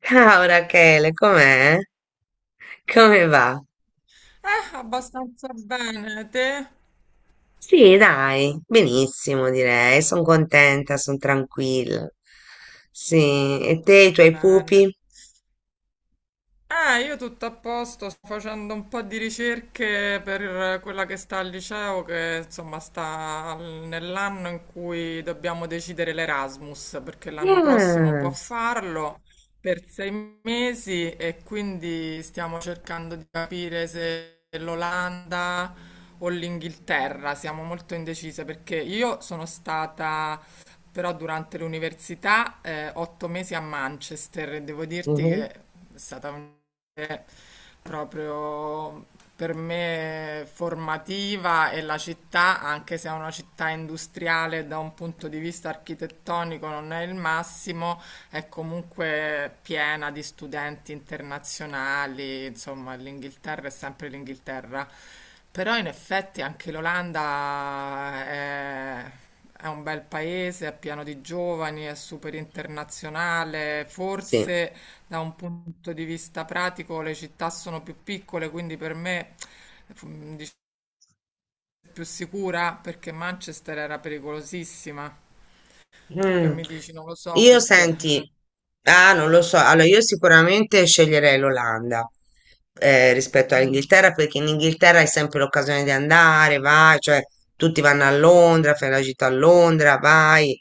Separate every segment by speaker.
Speaker 1: Ciao Rachele, com'è? Come va?
Speaker 2: Abbastanza bene, te?
Speaker 1: Sì, dai, benissimo direi, sono contenta, sono tranquilla. Sì, e te, i tuoi
Speaker 2: Bene.
Speaker 1: pupi?
Speaker 2: Io tutto a posto, sto facendo un po' di ricerche per quella che sta al liceo, che insomma nell'anno in cui dobbiamo decidere l'Erasmus, perché l'anno prossimo può
Speaker 1: Yes.
Speaker 2: farlo per 6 mesi e quindi stiamo cercando di capire se l'Olanda o l'Inghilterra, siamo molto indecise perché io sono stata. Però durante l'università, 8 mesi a Manchester, e devo dirti
Speaker 1: Mhm.
Speaker 2: che è stata un- proprio per me formativa, e la città, anche se è una città industriale da un punto di vista architettonico non è il massimo, è comunque piena di studenti internazionali, insomma, l'Inghilterra è sempre l'Inghilterra. Però in effetti anche l'Olanda è un bel paese, è pieno di giovani, è super internazionale.
Speaker 1: Sì.
Speaker 2: Forse da un punto di vista pratico le città sono più piccole, quindi per me mi dice più sicura perché Manchester era pericolosissima. Tu che
Speaker 1: Mm.
Speaker 2: mi dici? Non lo so
Speaker 1: Io
Speaker 2: perché.
Speaker 1: senti, non lo so, allora io sicuramente sceglierei l'Olanda rispetto all'Inghilterra perché in Inghilterra hai sempre l'occasione di andare, vai, cioè tutti vanno a Londra, fai la gita a Londra, vai.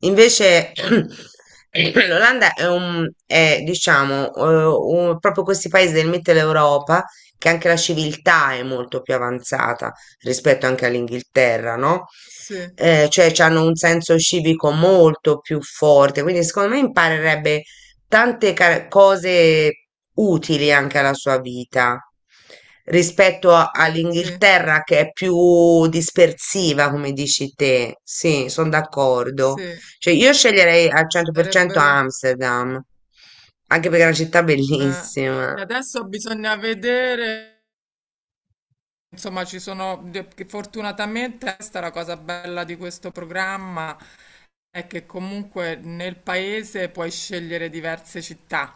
Speaker 1: Invece l'Olanda diciamo, proprio questi paesi del Mittel Europa che anche la civiltà è molto più avanzata rispetto anche all'Inghilterra, no?
Speaker 2: Sì,
Speaker 1: Cioè hanno un senso civico molto più forte, quindi secondo me imparerebbe tante cose utili anche alla sua vita rispetto
Speaker 2: sì.
Speaker 1: all'Inghilterra che è più dispersiva, come dici te. Sì, sono d'accordo.
Speaker 2: Sì,
Speaker 1: Cioè, io sceglierei al 100%
Speaker 2: sarebbero.
Speaker 1: Amsterdam, anche perché è una città
Speaker 2: Eh.
Speaker 1: bellissima.
Speaker 2: E adesso bisogna vedere, insomma, ci sono, che fortunatamente questa è la cosa bella di questo programma, è che comunque nel paese puoi scegliere diverse città,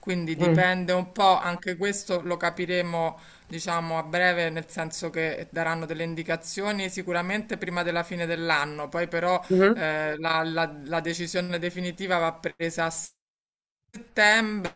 Speaker 2: quindi
Speaker 1: Mm.
Speaker 2: dipende un po', anche questo lo capiremo, diciamo, a breve, nel senso che daranno delle indicazioni sicuramente prima della fine dell'anno, poi però
Speaker 1: Mhm.
Speaker 2: la decisione definitiva va presa a settembre,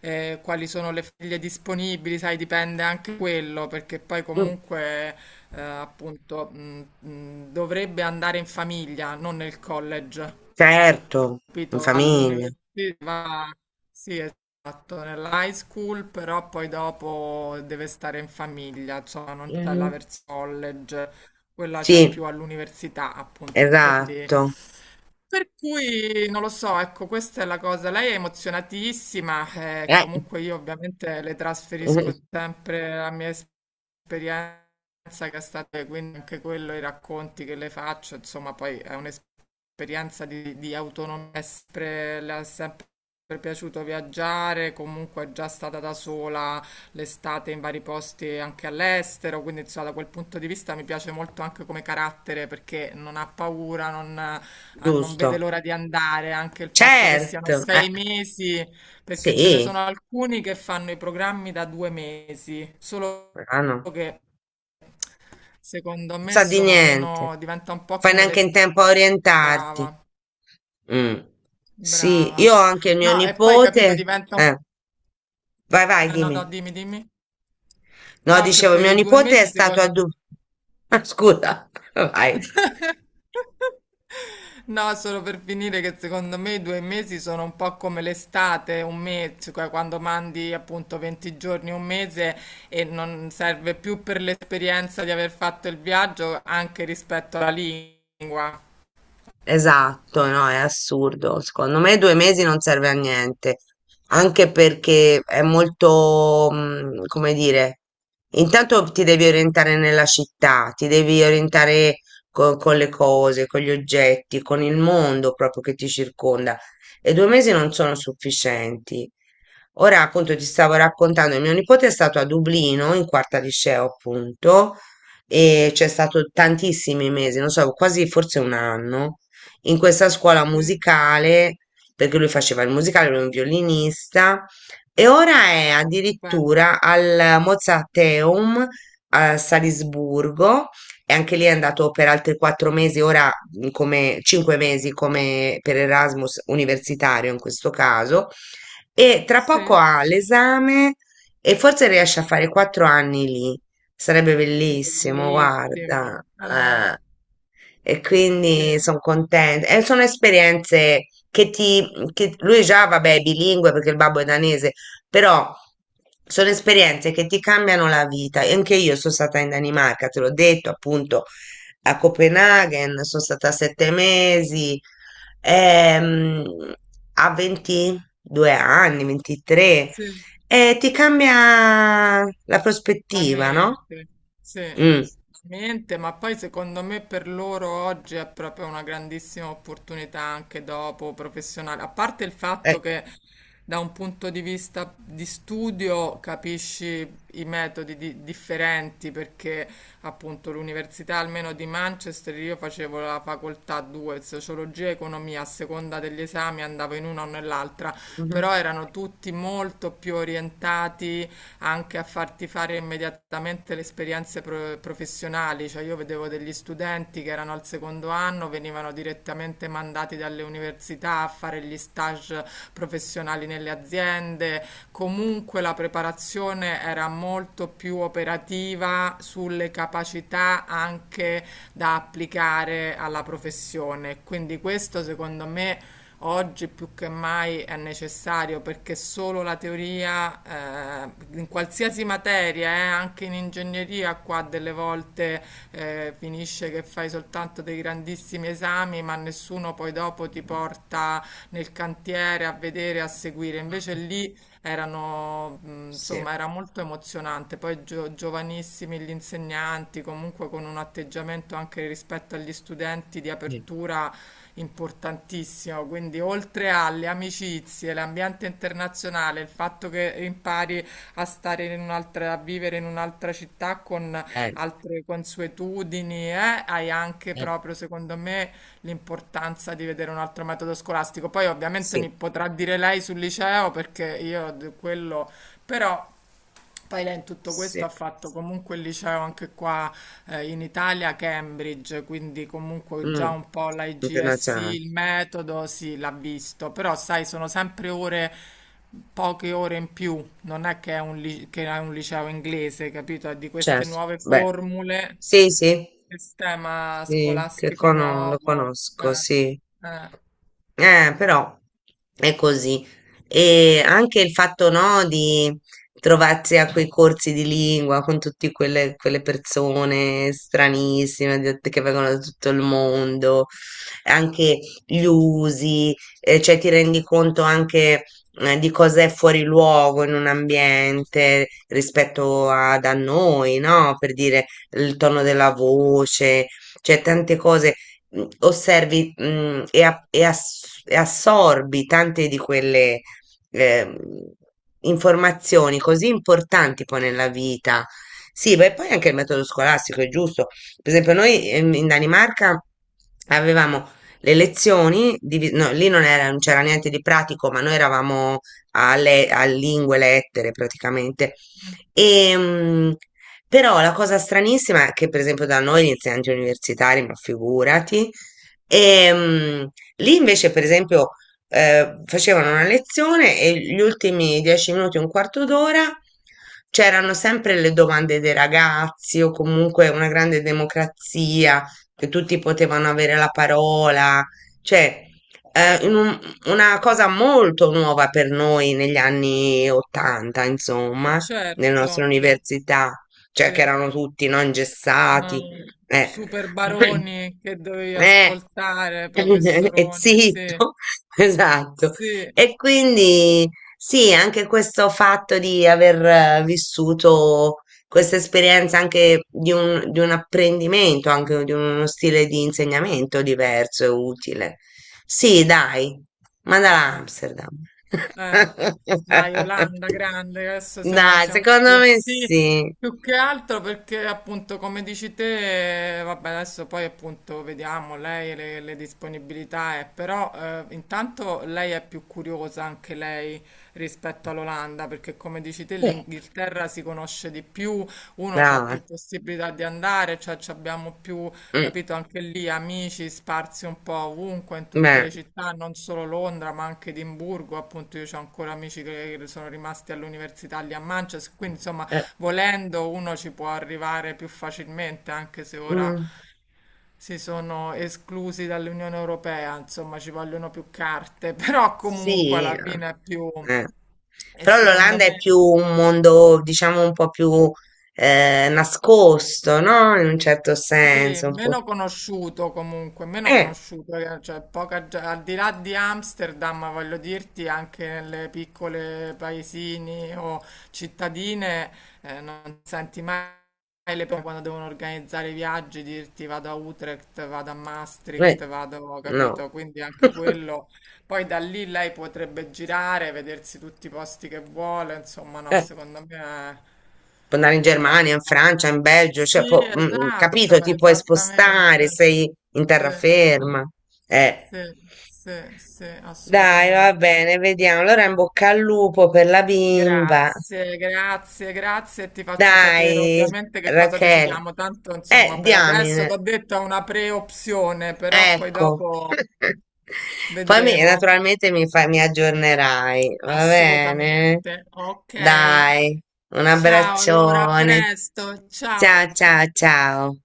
Speaker 2: quali sono le foglie disponibili, sai, dipende anche quello, perché poi
Speaker 1: Mm.
Speaker 2: comunque appunto dovrebbe andare in famiglia, non nel college,
Speaker 1: Certo, in
Speaker 2: capito?
Speaker 1: famiglia.
Speaker 2: All'università, sì, esatto, nell'high school, però poi dopo deve stare in famiglia, insomma, non c'è la
Speaker 1: Mh-mh.
Speaker 2: verso college, quella c'è più
Speaker 1: Sì,
Speaker 2: all'università, appunto. Quindi,
Speaker 1: esatto.
Speaker 2: per cui non lo so, ecco, questa è la cosa. Lei è emozionatissima,
Speaker 1: Eh,
Speaker 2: comunque io ovviamente le
Speaker 1: mh-mh,
Speaker 2: trasferisco sempre la mia esperienza che è stata, quindi anche quello, i racconti che le faccio, insomma, poi è un'esperienza di autonomia, è sempre, le è sempre piaciuto viaggiare, comunque è già stata da sola l'estate in vari posti anche all'estero, quindi insomma, da quel punto di vista mi piace molto anche come carattere perché non ha paura, non, non vede
Speaker 1: giusto.
Speaker 2: l'ora di andare, anche il fatto che siano
Speaker 1: Certo,
Speaker 2: 6 mesi perché ce ne sono
Speaker 1: sì,
Speaker 2: alcuni che fanno i programmi da 2 mesi, solo
Speaker 1: però no, non
Speaker 2: che secondo me
Speaker 1: sa di
Speaker 2: sono
Speaker 1: niente.
Speaker 2: meno, diventa un po'
Speaker 1: Fai
Speaker 2: come le...
Speaker 1: neanche
Speaker 2: s-
Speaker 1: in tempo a orientarti.
Speaker 2: Brava,
Speaker 1: Mh. Sì, io
Speaker 2: brava.
Speaker 1: ho anche mio
Speaker 2: No, e poi capito,
Speaker 1: nipote,
Speaker 2: diventa un...
Speaker 1: eh, vai, vai,
Speaker 2: No, no,
Speaker 1: dimmi.
Speaker 2: dimmi, dimmi.
Speaker 1: No,
Speaker 2: No, che
Speaker 1: dicevo,
Speaker 2: per
Speaker 1: mio
Speaker 2: i due
Speaker 1: nipote è
Speaker 2: mesi
Speaker 1: stato a
Speaker 2: secondo...
Speaker 1: Du ah, scusa, vai.
Speaker 2: No, solo per finire che secondo me i 2 mesi sono un po' come l'estate, un mese, cioè quando mandi appunto 20 giorni, un mese e non serve più per l'esperienza di aver fatto il viaggio anche rispetto alla lingua.
Speaker 1: Esatto, no, è assurdo. Secondo me due mesi non serve a niente, anche perché è molto, come dire, intanto ti devi orientare nella città, ti devi orientare con le cose, con gli oggetti, con il mondo proprio che ti circonda. E due mesi non sono sufficienti. Ora, appunto, ti stavo raccontando, mio nipote è stato a Dublino, in quarta liceo, appunto, e c'è stato tantissimi mesi, non so, quasi forse un anno in questa scuola
Speaker 2: Sì,
Speaker 1: musicale, perché lui faceva il musicale, lui è un violinista, e ora è
Speaker 2: stupendo.
Speaker 1: addirittura al Mozarteum a Salisburgo, e anche lì è andato per altri 4 mesi, ora come 5 mesi come per Erasmus universitario in questo caso, e tra poco
Speaker 2: Sì.
Speaker 1: ha l'esame e forse riesce a fare 4 anni lì. Sarebbe bellissimo,
Speaker 2: Bellissimo.
Speaker 1: guarda. Eh. E
Speaker 2: Sì,
Speaker 1: quindi sono contenta. E sono esperienze che ti... lui già, vabbè, è bilingue perché il babbo è danese, però sono esperienze che ti cambiano la vita. E anche io sono stata in Danimarca, te l'ho detto, appunto, a Copenaghen, sono stata 7 mesi, ehm, a 22 anni, 23,
Speaker 2: sì.
Speaker 1: e ti cambia la
Speaker 2: La
Speaker 1: prospettiva, no?
Speaker 2: mente, sì, la
Speaker 1: Mh.
Speaker 2: mente, ma poi secondo me per loro oggi è proprio una grandissima opportunità anche dopo professionale, a parte il fatto
Speaker 1: Eh.
Speaker 2: che da un punto di vista di studio capisci i differenti, perché appunto l'università almeno di Manchester, io facevo la facoltà 2, sociologia e economia, a seconda degli esami andavo in una o nell'altra,
Speaker 1: Mh-mh.
Speaker 2: però erano tutti molto più orientati anche a farti fare immediatamente le professionali, cioè io vedevo degli studenti che erano al secondo anno, venivano direttamente mandati dalle università a fare gli stage professionali nelle aziende, comunque la preparazione era molto più operativa sulle capacità anche da applicare alla professione, quindi questo secondo me oggi più che mai è necessario perché solo la teoria in qualsiasi materia, anche in ingegneria, qua delle volte finisce che fai soltanto dei grandissimi esami, ma nessuno poi dopo ti porta nel cantiere a vedere, a seguire. Invece lì erano,
Speaker 1: Sì,
Speaker 2: insomma, era molto emozionante. Poi giovanissimi gli insegnanti, comunque con un atteggiamento anche rispetto agli studenti di
Speaker 1: mh,
Speaker 2: apertura importantissimo, quindi oltre alle amicizie, l'ambiente internazionale, il fatto che impari a stare in un'altra, a vivere in un'altra città con
Speaker 1: eh,
Speaker 2: altre consuetudini, hai anche
Speaker 1: eh,
Speaker 2: proprio, secondo me, l'importanza di vedere un altro metodo scolastico. Poi ovviamente
Speaker 1: sì,
Speaker 2: mi potrà dire lei sul liceo perché io quello, però poi lei in tutto questo
Speaker 1: sì,
Speaker 2: ha fatto comunque il liceo anche qua in Italia, a Cambridge, quindi comunque
Speaker 1: mh.
Speaker 2: già un po' l'IGSE,
Speaker 1: Internazionale,
Speaker 2: il metodo, sì, l'ha visto, però sai, sono sempre ore, poche ore in più, non è che è un, che è un liceo inglese, capito? È di queste
Speaker 1: certo,
Speaker 2: nuove
Speaker 1: beh,
Speaker 2: formule,
Speaker 1: sì, sì.
Speaker 2: sistema
Speaker 1: Sì, che
Speaker 2: scolastico
Speaker 1: cono lo
Speaker 2: nuovo,
Speaker 1: conosco, sì.
Speaker 2: eh,
Speaker 1: Però è così. E anche il fatto, no, di trovarsi a quei corsi di lingua con tutte quelle persone stranissime che vengono da tutto il mondo, anche gli usi, cioè ti rendi conto anche, di cosa è fuori luogo in un ambiente rispetto a, da noi, no? Per dire il tono della voce, cioè tante cose osservi, e, e assorbi tante di quelle ehm, informazioni così importanti poi nella vita. Sì, beh, poi anche il metodo scolastico è giusto. Per esempio, noi in Danimarca avevamo no, lì non c'era niente di pratico, ma noi eravamo a lingue, lettere praticamente. E, però la cosa stranissima è che, per esempio, da noi gli insegnanti universitari, ma figurati, ehm, lì invece, per esempio, facevano una lezione e gli ultimi 10 minuti, un quarto d'ora, c'erano sempre le domande dei ragazzi o comunque una grande democrazia, che tutti potevano avere la parola, cioè, eh, in un- una cosa molto nuova per noi negli anni 80,
Speaker 2: è
Speaker 1: insomma nella nostra
Speaker 2: certo che
Speaker 1: università cioè che
Speaker 2: sì.
Speaker 1: erano tutti no, ingessati,
Speaker 2: No,
Speaker 1: eh,
Speaker 2: super baroni che dovevi
Speaker 1: eh,
Speaker 2: ascoltare,
Speaker 1: e
Speaker 2: professoroni, sì,
Speaker 1: zitto, esatto.
Speaker 2: sì.
Speaker 1: E quindi sì, anche questo fatto di aver vissuto questa esperienza anche di un apprendimento, anche di uno stile di insegnamento diverso e utile. Sì, dai, mandala a
Speaker 2: Eh.
Speaker 1: Amsterdam.
Speaker 2: Eh, dai, Olanda grande, adesso siamo,
Speaker 1: Dai,
Speaker 2: siamo
Speaker 1: secondo
Speaker 2: più,
Speaker 1: me
Speaker 2: sì,
Speaker 1: sì.
Speaker 2: più che altro perché appunto come dici te, vabbè adesso poi appunto vediamo lei e le disponibilità, però intanto lei è più curiosa anche lei rispetto all'Olanda perché come dici te l'Inghilterra si conosce di più, uno ha
Speaker 1: Ah,
Speaker 2: più possibilità di andare, cioè ci abbiamo più.
Speaker 1: mm,
Speaker 2: Capito? Anche lì amici sparsi un po' ovunque, in tutte
Speaker 1: beh,
Speaker 2: le città, non solo Londra, ma anche Edimburgo. Appunto, io ho ancora amici che sono rimasti all'università lì a Manchester. Quindi, insomma,
Speaker 1: eh,
Speaker 2: volendo uno ci può arrivare più facilmente, anche se ora
Speaker 1: mm,
Speaker 2: si sono esclusi dall'Unione Europea, insomma, ci vogliono più carte, però
Speaker 1: sì,
Speaker 2: comunque alla
Speaker 1: eh.
Speaker 2: fine è più...
Speaker 1: Eh.
Speaker 2: E
Speaker 1: Però
Speaker 2: secondo
Speaker 1: l'Olanda è
Speaker 2: me...
Speaker 1: più un mondo, diciamo, un po' più nascosto, no? In un certo
Speaker 2: Sì,
Speaker 1: senso, un po'.
Speaker 2: meno conosciuto comunque, meno
Speaker 1: Eh,
Speaker 2: conosciuto, cioè poca, al di là di Amsterdam, voglio dirti, anche nelle piccole paesini o cittadine non senti mai le persone quando devono organizzare i viaggi, dirti vado a Utrecht, vado a
Speaker 1: eh,
Speaker 2: Maastricht, vado,
Speaker 1: no.
Speaker 2: capito? Quindi anche quello, poi da lì lei potrebbe girare, vedersi tutti i posti che vuole, insomma no,
Speaker 1: Eh,
Speaker 2: secondo me
Speaker 1: puoi andare in
Speaker 2: è
Speaker 1: Germania, in
Speaker 2: bello.
Speaker 1: Francia, in Belgio, cioè,
Speaker 2: Sì,
Speaker 1: capito,
Speaker 2: esatto,
Speaker 1: ti puoi spostare,
Speaker 2: esattamente.
Speaker 1: sei in
Speaker 2: Sì,
Speaker 1: terraferma. Eh.
Speaker 2: sì, sì, sì,
Speaker 1: Dai, va
Speaker 2: assolutamente.
Speaker 1: bene, vediamo. Allora in bocca al lupo per la bimba.
Speaker 2: Grazie, grazie, grazie. E ti faccio sapere
Speaker 1: Dai,
Speaker 2: ovviamente che cosa
Speaker 1: Rachele.
Speaker 2: decidiamo. Tanto, insomma, per adesso
Speaker 1: Diamine,
Speaker 2: ti ho detto è una pre-opzione, però poi
Speaker 1: ecco.
Speaker 2: dopo
Speaker 1: Poi
Speaker 2: vedremo.
Speaker 1: naturalmente mi aggiornerai, va bene?
Speaker 2: Assolutamente. Ok.
Speaker 1: Dai, un
Speaker 2: Ciao, allora a
Speaker 1: abbraccione.
Speaker 2: presto. Ciao,
Speaker 1: Ciao,
Speaker 2: ciao.
Speaker 1: ciao, ciao.